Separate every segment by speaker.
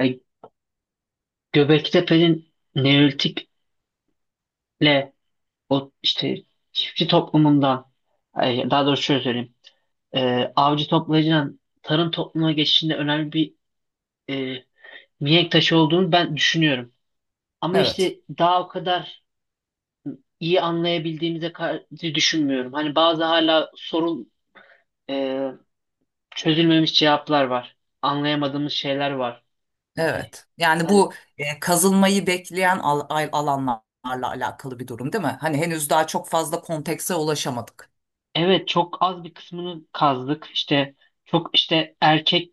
Speaker 1: Yani Göbektepe'nin Neolitik'le o işte çiftçi toplumundan ay, daha doğrusu şöyle söyleyeyim avcı toplayıcıdan tarım toplumuna geçişinde önemli bir e, mihenk taşı olduğunu ben düşünüyorum. Ama
Speaker 2: Evet,
Speaker 1: işte daha o kadar iyi anlayabildiğimize karşı düşünmüyorum. Hani bazı hala sorun e, çözülmemiş cevaplar var. Anlayamadığımız şeyler var.
Speaker 2: evet. Yani
Speaker 1: Hani
Speaker 2: bu kazılmayı bekleyen alanlarla alakalı bir durum değil mi? Hani henüz daha çok fazla kontekse ulaşamadık.
Speaker 1: evet, çok az bir kısmını kazdık. İşte çok işte erkek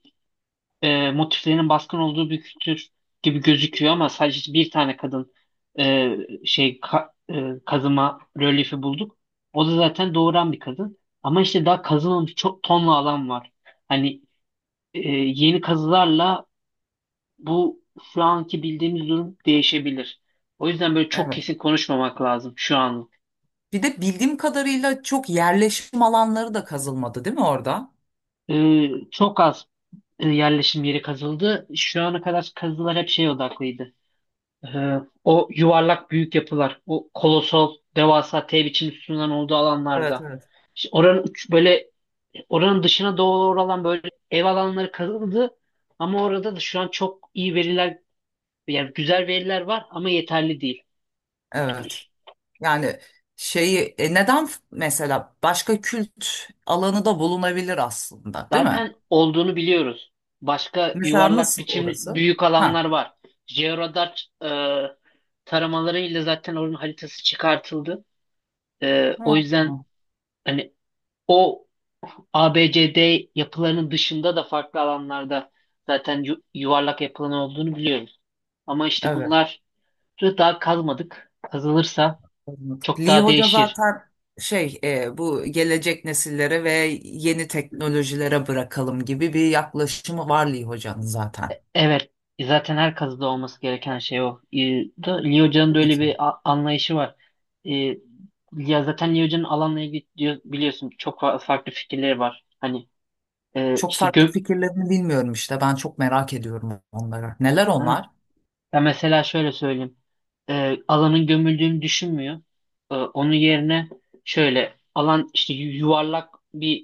Speaker 1: motiflerinin baskın olduğu bir kültür gibi gözüküyor ama sadece bir tane kadın e, şey ka- kazıma rölyefi bulduk. O da zaten doğuran bir kadın. Ama işte daha kazılmamış çok tonla alan var. Hani yeni kazılarla bu şu anki bildiğimiz durum değişebilir. O yüzden böyle çok
Speaker 2: Evet.
Speaker 1: kesin konuşmamak lazım şu an.
Speaker 2: Bir de bildiğim kadarıyla çok yerleşim alanları da kazılmadı değil mi orada?
Speaker 1: Çok az yerleşim yeri kazıldı. Şu ana kadar kazılar hep şey odaklıydı. O yuvarlak büyük yapılar, o kolosal devasa T biçim sütunların olduğu
Speaker 2: Evet,
Speaker 1: alanlarda
Speaker 2: evet.
Speaker 1: işte böyle oranın dışına doğru olan böyle ev alanları kazıldı ama orada da şu an çok iyi veriler, yani güzel veriler var ama yeterli değil.
Speaker 2: Evet. Yani şeyi neden mesela başka kült alanı da bulunabilir aslında değil mi?
Speaker 1: Zaten olduğunu biliyoruz. Başka
Speaker 2: Mesela
Speaker 1: yuvarlak
Speaker 2: nasıl
Speaker 1: biçim
Speaker 2: orası?
Speaker 1: büyük alanlar
Speaker 2: Ha.
Speaker 1: var. Georadar taramalarıyla zaten oranın haritası çıkartıldı. O
Speaker 2: Ha,
Speaker 1: yüzden hani o A B C D yapılarının dışında da farklı alanlarda zaten yuvarlak yapılan olduğunu biliyoruz. Ama işte
Speaker 2: ha.
Speaker 1: bunları daha kazmadık. Kazılırsa
Speaker 2: Anladık.
Speaker 1: çok
Speaker 2: Lee
Speaker 1: daha
Speaker 2: Hoca
Speaker 1: değişir.
Speaker 2: zaten şey bu gelecek nesillere ve yeni teknolojilere bırakalım gibi bir yaklaşımı var Lee Hoca'nın zaten.
Speaker 1: Evet, zaten her kazıda olması gereken şey o. Da Lee Hoca'nın da
Speaker 2: Tabii
Speaker 1: öyle
Speaker 2: ki.
Speaker 1: bir anlayışı var. Ee, Ya zaten Lee Hoca'nın alanla ilgili biliyorsun, çok farklı fikirleri var. Hani
Speaker 2: Çok
Speaker 1: işte
Speaker 2: farklı
Speaker 1: gök.
Speaker 2: fikirlerini bilmiyorum işte. Ben çok merak ediyorum onları. Neler onlar?
Speaker 1: Ya mesela şöyle söyleyeyim. Alanın gömüldüğünü düşünmüyor. Onun yerine şöyle alan işte yuvarlak bir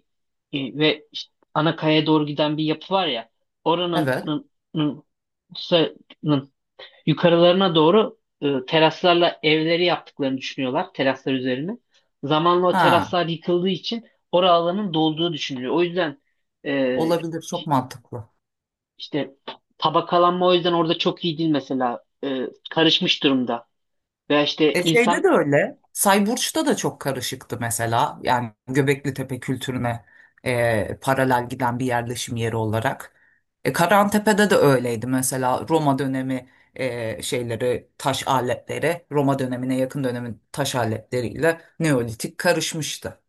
Speaker 1: ve işte ana kayaya doğru giden bir yapı var ya, oranın
Speaker 2: Evet.
Speaker 1: nın- sa- nın yukarılarına doğru teraslarla evleri yaptıklarını düşünüyorlar, teraslar üzerine. Zamanla o
Speaker 2: Ha,
Speaker 1: teraslar yıkıldığı için orada alanın dolduğu düşünülüyor. O yüzden e,
Speaker 2: olabilir. Çok mantıklı.
Speaker 1: işte tabakalanma o yüzden orada çok iyi değil mesela. Karışmış durumda. Veya işte
Speaker 2: E şeyde de
Speaker 1: insan,
Speaker 2: öyle. Sayburç'ta da çok karışıktı mesela. Yani Göbekli Tepe kültürüne paralel giden bir yerleşim yeri olarak. Karantepe'de de öyleydi mesela. Roma dönemi şeyleri, taş aletleri, Roma dönemine yakın dönemin taş aletleriyle Neolitik karışmıştı.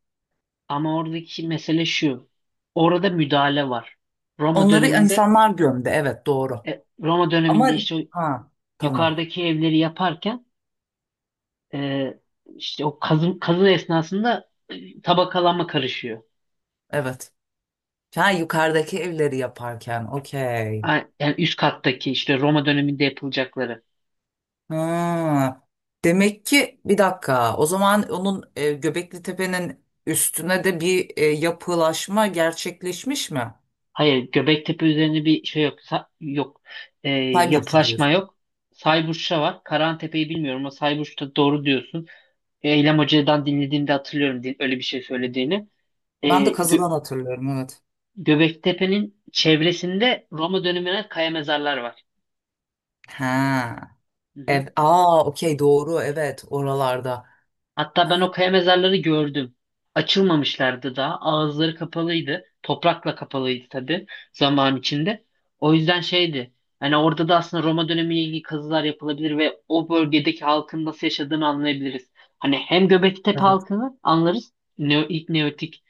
Speaker 1: ama oradaki mesele şu. Orada müdahale var. Roma
Speaker 2: Onları
Speaker 1: döneminde,
Speaker 2: insanlar gömdü. Evet, doğru. Ama
Speaker 1: işte o
Speaker 2: ha, tamam.
Speaker 1: yukarıdaki evleri yaparken, e, işte o kazı esnasında tabakalanma karışıyor.
Speaker 2: Evet. Ha, yukarıdaki evleri yaparken, okey.
Speaker 1: Yani üst kattaki işte Roma döneminde yapılacakları.
Speaker 2: Ha, demek ki bir dakika. O zaman onun Göbekli Tepe'nin üstüne de bir yapılaşma gerçekleşmiş mi?
Speaker 1: Hayır, Göbektepe üzerinde bir şey yok. Yok. Ee,
Speaker 2: Tay Burcu
Speaker 1: Yapılaşma
Speaker 2: diyorsun.
Speaker 1: yok. Sayburç'ta var. Karahantepe'yi bilmiyorum ama Sayburç'ta doğru diyorsun. E, Eylem Hoca'dan dinlediğimde hatırlıyorum öyle bir şey söylediğini. Ee,
Speaker 2: Ben de
Speaker 1: Gö-
Speaker 2: kazıdan hatırlıyorum, evet.
Speaker 1: Göbektepe'nin çevresinde Roma dönemine kaya mezarlar var.
Speaker 2: Ha.
Speaker 1: Hı hı.
Speaker 2: Ev. Aa, okey, doğru, evet, oralarda.
Speaker 1: Hatta ben o
Speaker 2: Ha.
Speaker 1: kaya mezarları gördüm. Açılmamışlardı daha. Ağızları kapalıydı. Toprakla kapalıydı tabii, zaman içinde. O yüzden şeydi. Hani orada da aslında Roma dönemiyle ilgili kazılar yapılabilir ve o bölgedeki halkın nasıl yaşadığını anlayabiliriz. Hani hem Göbektepe
Speaker 2: Evet,
Speaker 1: halkını anlarız. İlk Neolitik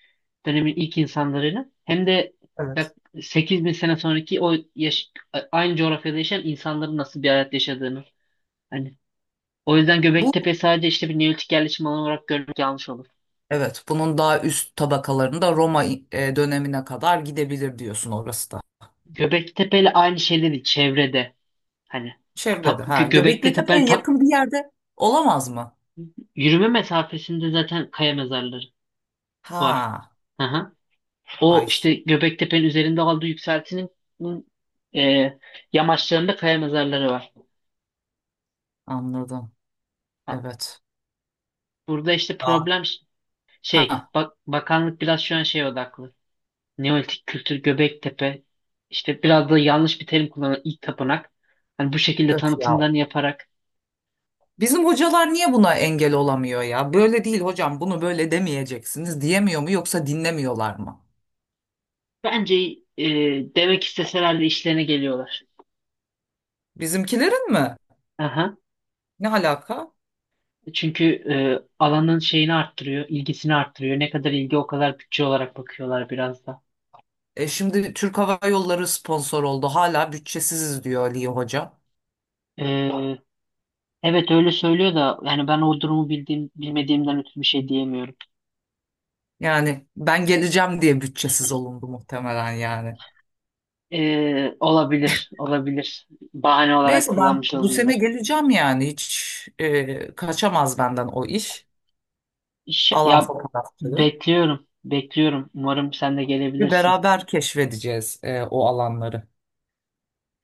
Speaker 1: dönemin ilk insanlarını, hem de
Speaker 2: evet.
Speaker 1: yak 8 bin sene sonraki o aynı coğrafyada yaşayan insanların nasıl bir hayat yaşadığını. Hani o yüzden
Speaker 2: Bu
Speaker 1: Göbektepe sadece işte bir neolitik yerleşim alanı olarak görmek yanlış olur.
Speaker 2: evet, bunun daha üst tabakalarında Roma dönemine kadar gidebilir diyorsun orası da.
Speaker 1: Göbektepe ile aynı şey değil çevrede. Hani
Speaker 2: Çevrede,
Speaker 1: tap,
Speaker 2: ha,
Speaker 1: Gö-
Speaker 2: Göbekli
Speaker 1: Göbektepe'nin
Speaker 2: Tepe'ye
Speaker 1: tap,
Speaker 2: yakın bir yerde olamaz mı?
Speaker 1: yürüme mesafesinde zaten kaya mezarları var.
Speaker 2: Ha.
Speaker 1: Aha. O
Speaker 2: Ay,
Speaker 1: işte Göbektepe'nin üzerinde aldığı yükseltinin e, yamaçlarında kaya mezarları var.
Speaker 2: anladım.
Speaker 1: Ha.
Speaker 2: Evet.
Speaker 1: Burada işte
Speaker 2: Daha
Speaker 1: problem şey,
Speaker 2: Ha,
Speaker 1: bakanlık biraz şu an şeye odaklı. Neolitik kültür, Göbektepe, işte biraz da yanlış bir terim kullanan ilk tapınak. Hani bu şekilde
Speaker 2: öf ya.
Speaker 1: tanıtımlarını yaparak,
Speaker 2: Bizim hocalar niye buna engel olamıyor ya? Böyle değil hocam, bunu böyle demeyeceksiniz diyemiyor mu yoksa dinlemiyorlar mı?
Speaker 1: bence e, demek isteseler de işlerine geliyorlar.
Speaker 2: Bizimkilerin mi?
Speaker 1: Aha.
Speaker 2: Ne alaka?
Speaker 1: Çünkü alanın şeyini arttırıyor, ilgisini arttırıyor. Ne kadar ilgi, o kadar bütçe olarak bakıyorlar biraz da.
Speaker 2: E şimdi Türk Hava Yolları sponsor oldu. Hala bütçesiziz diyor Aliye Hoca.
Speaker 1: E, evet, öyle söylüyor da yani ben o durumu bilmediğimden ötürü bir şey diyemiyorum.
Speaker 2: Yani ben geleceğim diye bütçesiz olundu muhtemelen yani.
Speaker 1: Olabilir, olabilir. Bahane olarak
Speaker 2: Neyse, ben
Speaker 1: kullanmış
Speaker 2: bu sene
Speaker 1: olabilir.
Speaker 2: geleceğim yani. Hiç kaçamaz benden o iş.
Speaker 1: İş-
Speaker 2: Alan
Speaker 1: ya
Speaker 2: fotoğrafçılığı.
Speaker 1: Bekliyorum, bekliyorum. Umarım sen de
Speaker 2: Ve
Speaker 1: gelebilirsin.
Speaker 2: beraber keşfedeceğiz o alanları.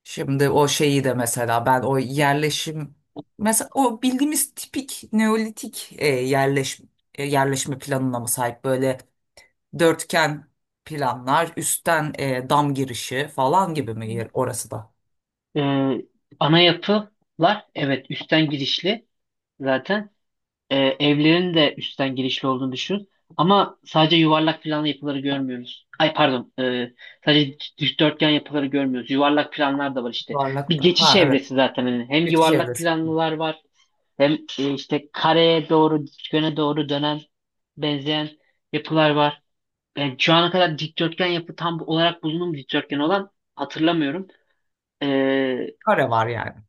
Speaker 2: Şimdi o şeyi de mesela ben o yerleşim mesela o bildiğimiz tipik neolitik yerleşme planına mı sahip, böyle dörtgen planlar, üstten dam girişi falan gibi mi yer orası da?
Speaker 1: Ee, Ana yapılar, evet, üstten girişli zaten. Evlerin de üstten girişli olduğunu düşün. Ama sadece yuvarlak planlı yapıları görmüyoruz. Ay pardon, sadece dikdörtgen yapıları görmüyoruz. Yuvarlak planlar da var işte.
Speaker 2: Varlık
Speaker 1: Bir
Speaker 2: da.
Speaker 1: geçiş
Speaker 2: Ha, evet.
Speaker 1: evresi zaten. Hani hem
Speaker 2: Geçiş
Speaker 1: yuvarlak
Speaker 2: evresi.
Speaker 1: planlılar var, hem işte kareye doğru, dikdörtgene doğru dönen, benzeyen yapılar var. Yani şu ana kadar dikdörtgen yapı tam olarak bulunduğum, dikdörtgen olan, hatırlamıyorum. Ee,
Speaker 2: Kare var yani.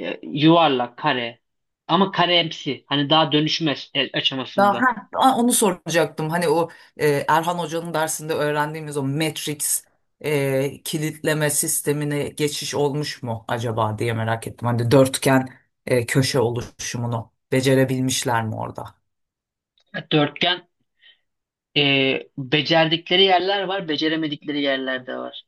Speaker 1: Yuvarlak, kare. Ama karemsi. Hani daha dönüşmez
Speaker 2: Daha,
Speaker 1: aşamasında.
Speaker 2: ha, onu soracaktım. Hani o Erhan Hoca'nın dersinde öğrendiğimiz o Matrix kilitleme sistemine geçiş olmuş mu acaba diye merak ettim. Hani dörtgen köşe oluşumunu becerebilmişler mi orada?
Speaker 1: Dörtgen becerdikleri yerler var, beceremedikleri yerler de var.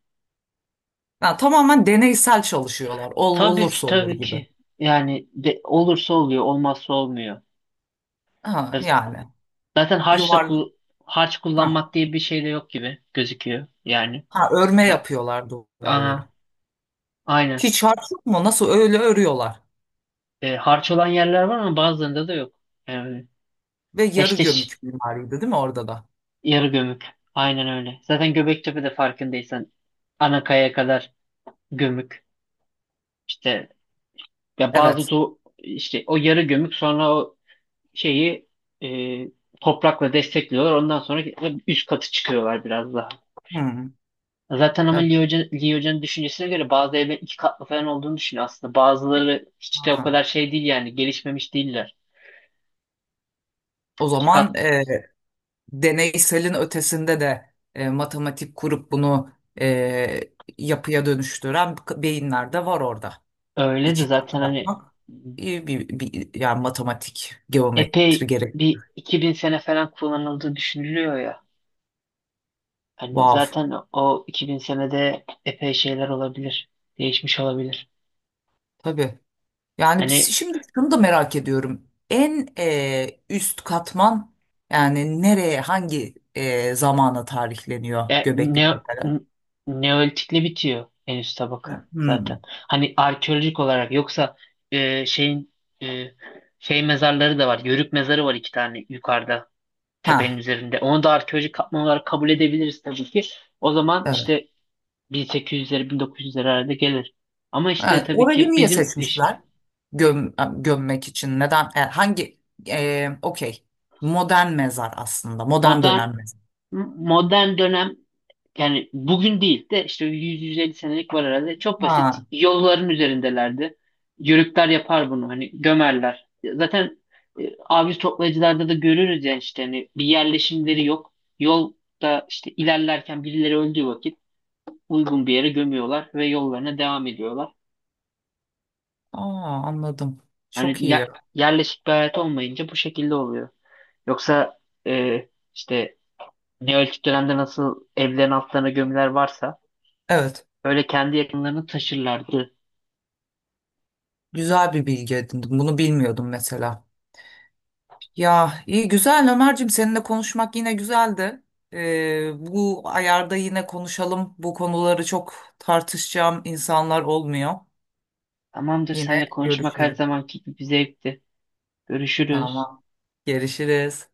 Speaker 2: Ha, tamamen deneysel çalışıyorlar. Ol,
Speaker 1: Tabii ki,
Speaker 2: olursa olur
Speaker 1: tabii
Speaker 2: gibi.
Speaker 1: ki. Yani olursa oluyor, olmazsa olmuyor.
Speaker 2: Ha,
Speaker 1: Z-
Speaker 2: yani
Speaker 1: Zaten harçla
Speaker 2: yuvarlak.
Speaker 1: kul- harç
Speaker 2: Ha,
Speaker 1: kullanmak diye bir şey de yok gibi gözüküyor. Yani.
Speaker 2: ha, örme
Speaker 1: Ya.
Speaker 2: yapıyorlar duvarları.
Speaker 1: Aha, aynen.
Speaker 2: Hiç harç yok mu? Nasıl öyle örüyorlar?
Speaker 1: Harç olan yerler var ama bazılarında da yok. Evet.
Speaker 2: Ve yarı
Speaker 1: Eşteş
Speaker 2: gömük mimariydi değil mi orada da?
Speaker 1: yarı gömük. Aynen öyle. Zaten Göbektepe de farkındaysan anakaya kadar gömük. İşte ya bazı
Speaker 2: Evet.
Speaker 1: do işte o yarı gömük, sonra o şeyi e, toprakla destekliyorlar. Ondan sonra üst katı çıkıyorlar biraz daha.
Speaker 2: Hmm,
Speaker 1: Zaten ama
Speaker 2: evet,
Speaker 1: Lee Hoca'nın düşüncesine göre bazı evlerin 2 katlı falan olduğunu düşünüyor aslında. Bazıları hiç de o
Speaker 2: ha.
Speaker 1: kadar şey değil, yani gelişmemiş değiller.
Speaker 2: O
Speaker 1: İki
Speaker 2: zaman
Speaker 1: kat
Speaker 2: deneyselin ötesinde de matematik kurup bunu e, yapıya dönüştüren beyinler de var orada.
Speaker 1: Öyle de
Speaker 2: İki katlı
Speaker 1: zaten, hani
Speaker 2: yapmak iyi bir, yani matematik, geometri
Speaker 1: epey
Speaker 2: gerek.
Speaker 1: bir 2000 sene falan kullanıldığı düşünülüyor ya. Hani
Speaker 2: Vav.
Speaker 1: zaten o 2000 senede epey şeyler olabilir. Değişmiş olabilir.
Speaker 2: Tabii. Yani
Speaker 1: Hani
Speaker 2: şimdi şunu da merak ediyorum. En üst katman yani nereye, hangi zamana tarihleniyor
Speaker 1: e,
Speaker 2: Göbekli
Speaker 1: ne,
Speaker 2: Tepe'de?
Speaker 1: n- Neolitikle bitiyor en üst tabaka zaten.
Speaker 2: Hmm.
Speaker 1: Hani arkeolojik olarak, yoksa e, şeyin e, şey mezarları da var. Yörük mezarı var, iki tane, yukarıda tepenin
Speaker 2: Ha.
Speaker 1: üzerinde. Onu da arkeolojik katman olarak kabul edebiliriz tabii ki. O zaman işte 1800'lere, 1900'lere arada gelir. Ama işte
Speaker 2: Ha,
Speaker 1: tabii
Speaker 2: orayı
Speaker 1: ki
Speaker 2: niye
Speaker 1: bizim işimiz.
Speaker 2: seçmişler? Gömmek için. Neden? Hangi? Okey. Modern mezar aslında. Modern
Speaker 1: Modern
Speaker 2: dönem mezar.
Speaker 1: modern dönem, yani bugün değil de işte 100-150 senelik var herhalde. Çok basit.
Speaker 2: Ha.
Speaker 1: Yolların üzerindelerdi. Yörükler yapar bunu. Hani gömerler. Zaten avcı toplayıcılarda da görürüz ya, işte hani bir yerleşimleri yok. Yolda işte ilerlerken, birileri öldüğü vakit uygun bir yere gömüyorlar ve yollarına devam ediyorlar.
Speaker 2: Aa, anladım.
Speaker 1: Hani
Speaker 2: Çok iyi.
Speaker 1: yerleşik bir hayat olmayınca bu şekilde oluyor. Yoksa e, işte Neolitik dönemde nasıl evlerin altlarına gömüler varsa,
Speaker 2: Evet.
Speaker 1: böyle kendi yakınlarını taşırlardı.
Speaker 2: Güzel bir bilgi edindim. Bunu bilmiyordum mesela. Ya iyi güzel Ömerciğim, seninle konuşmak yine güzeldi. Bu ayarda yine konuşalım. Bu konuları çok tartışacağım insanlar olmuyor.
Speaker 1: Tamamdır,
Speaker 2: Yine
Speaker 1: seninle konuşmak her
Speaker 2: görüşelim.
Speaker 1: zamanki gibi bir zevkti. Görüşürüz.
Speaker 2: Tamam. Görüşürüz.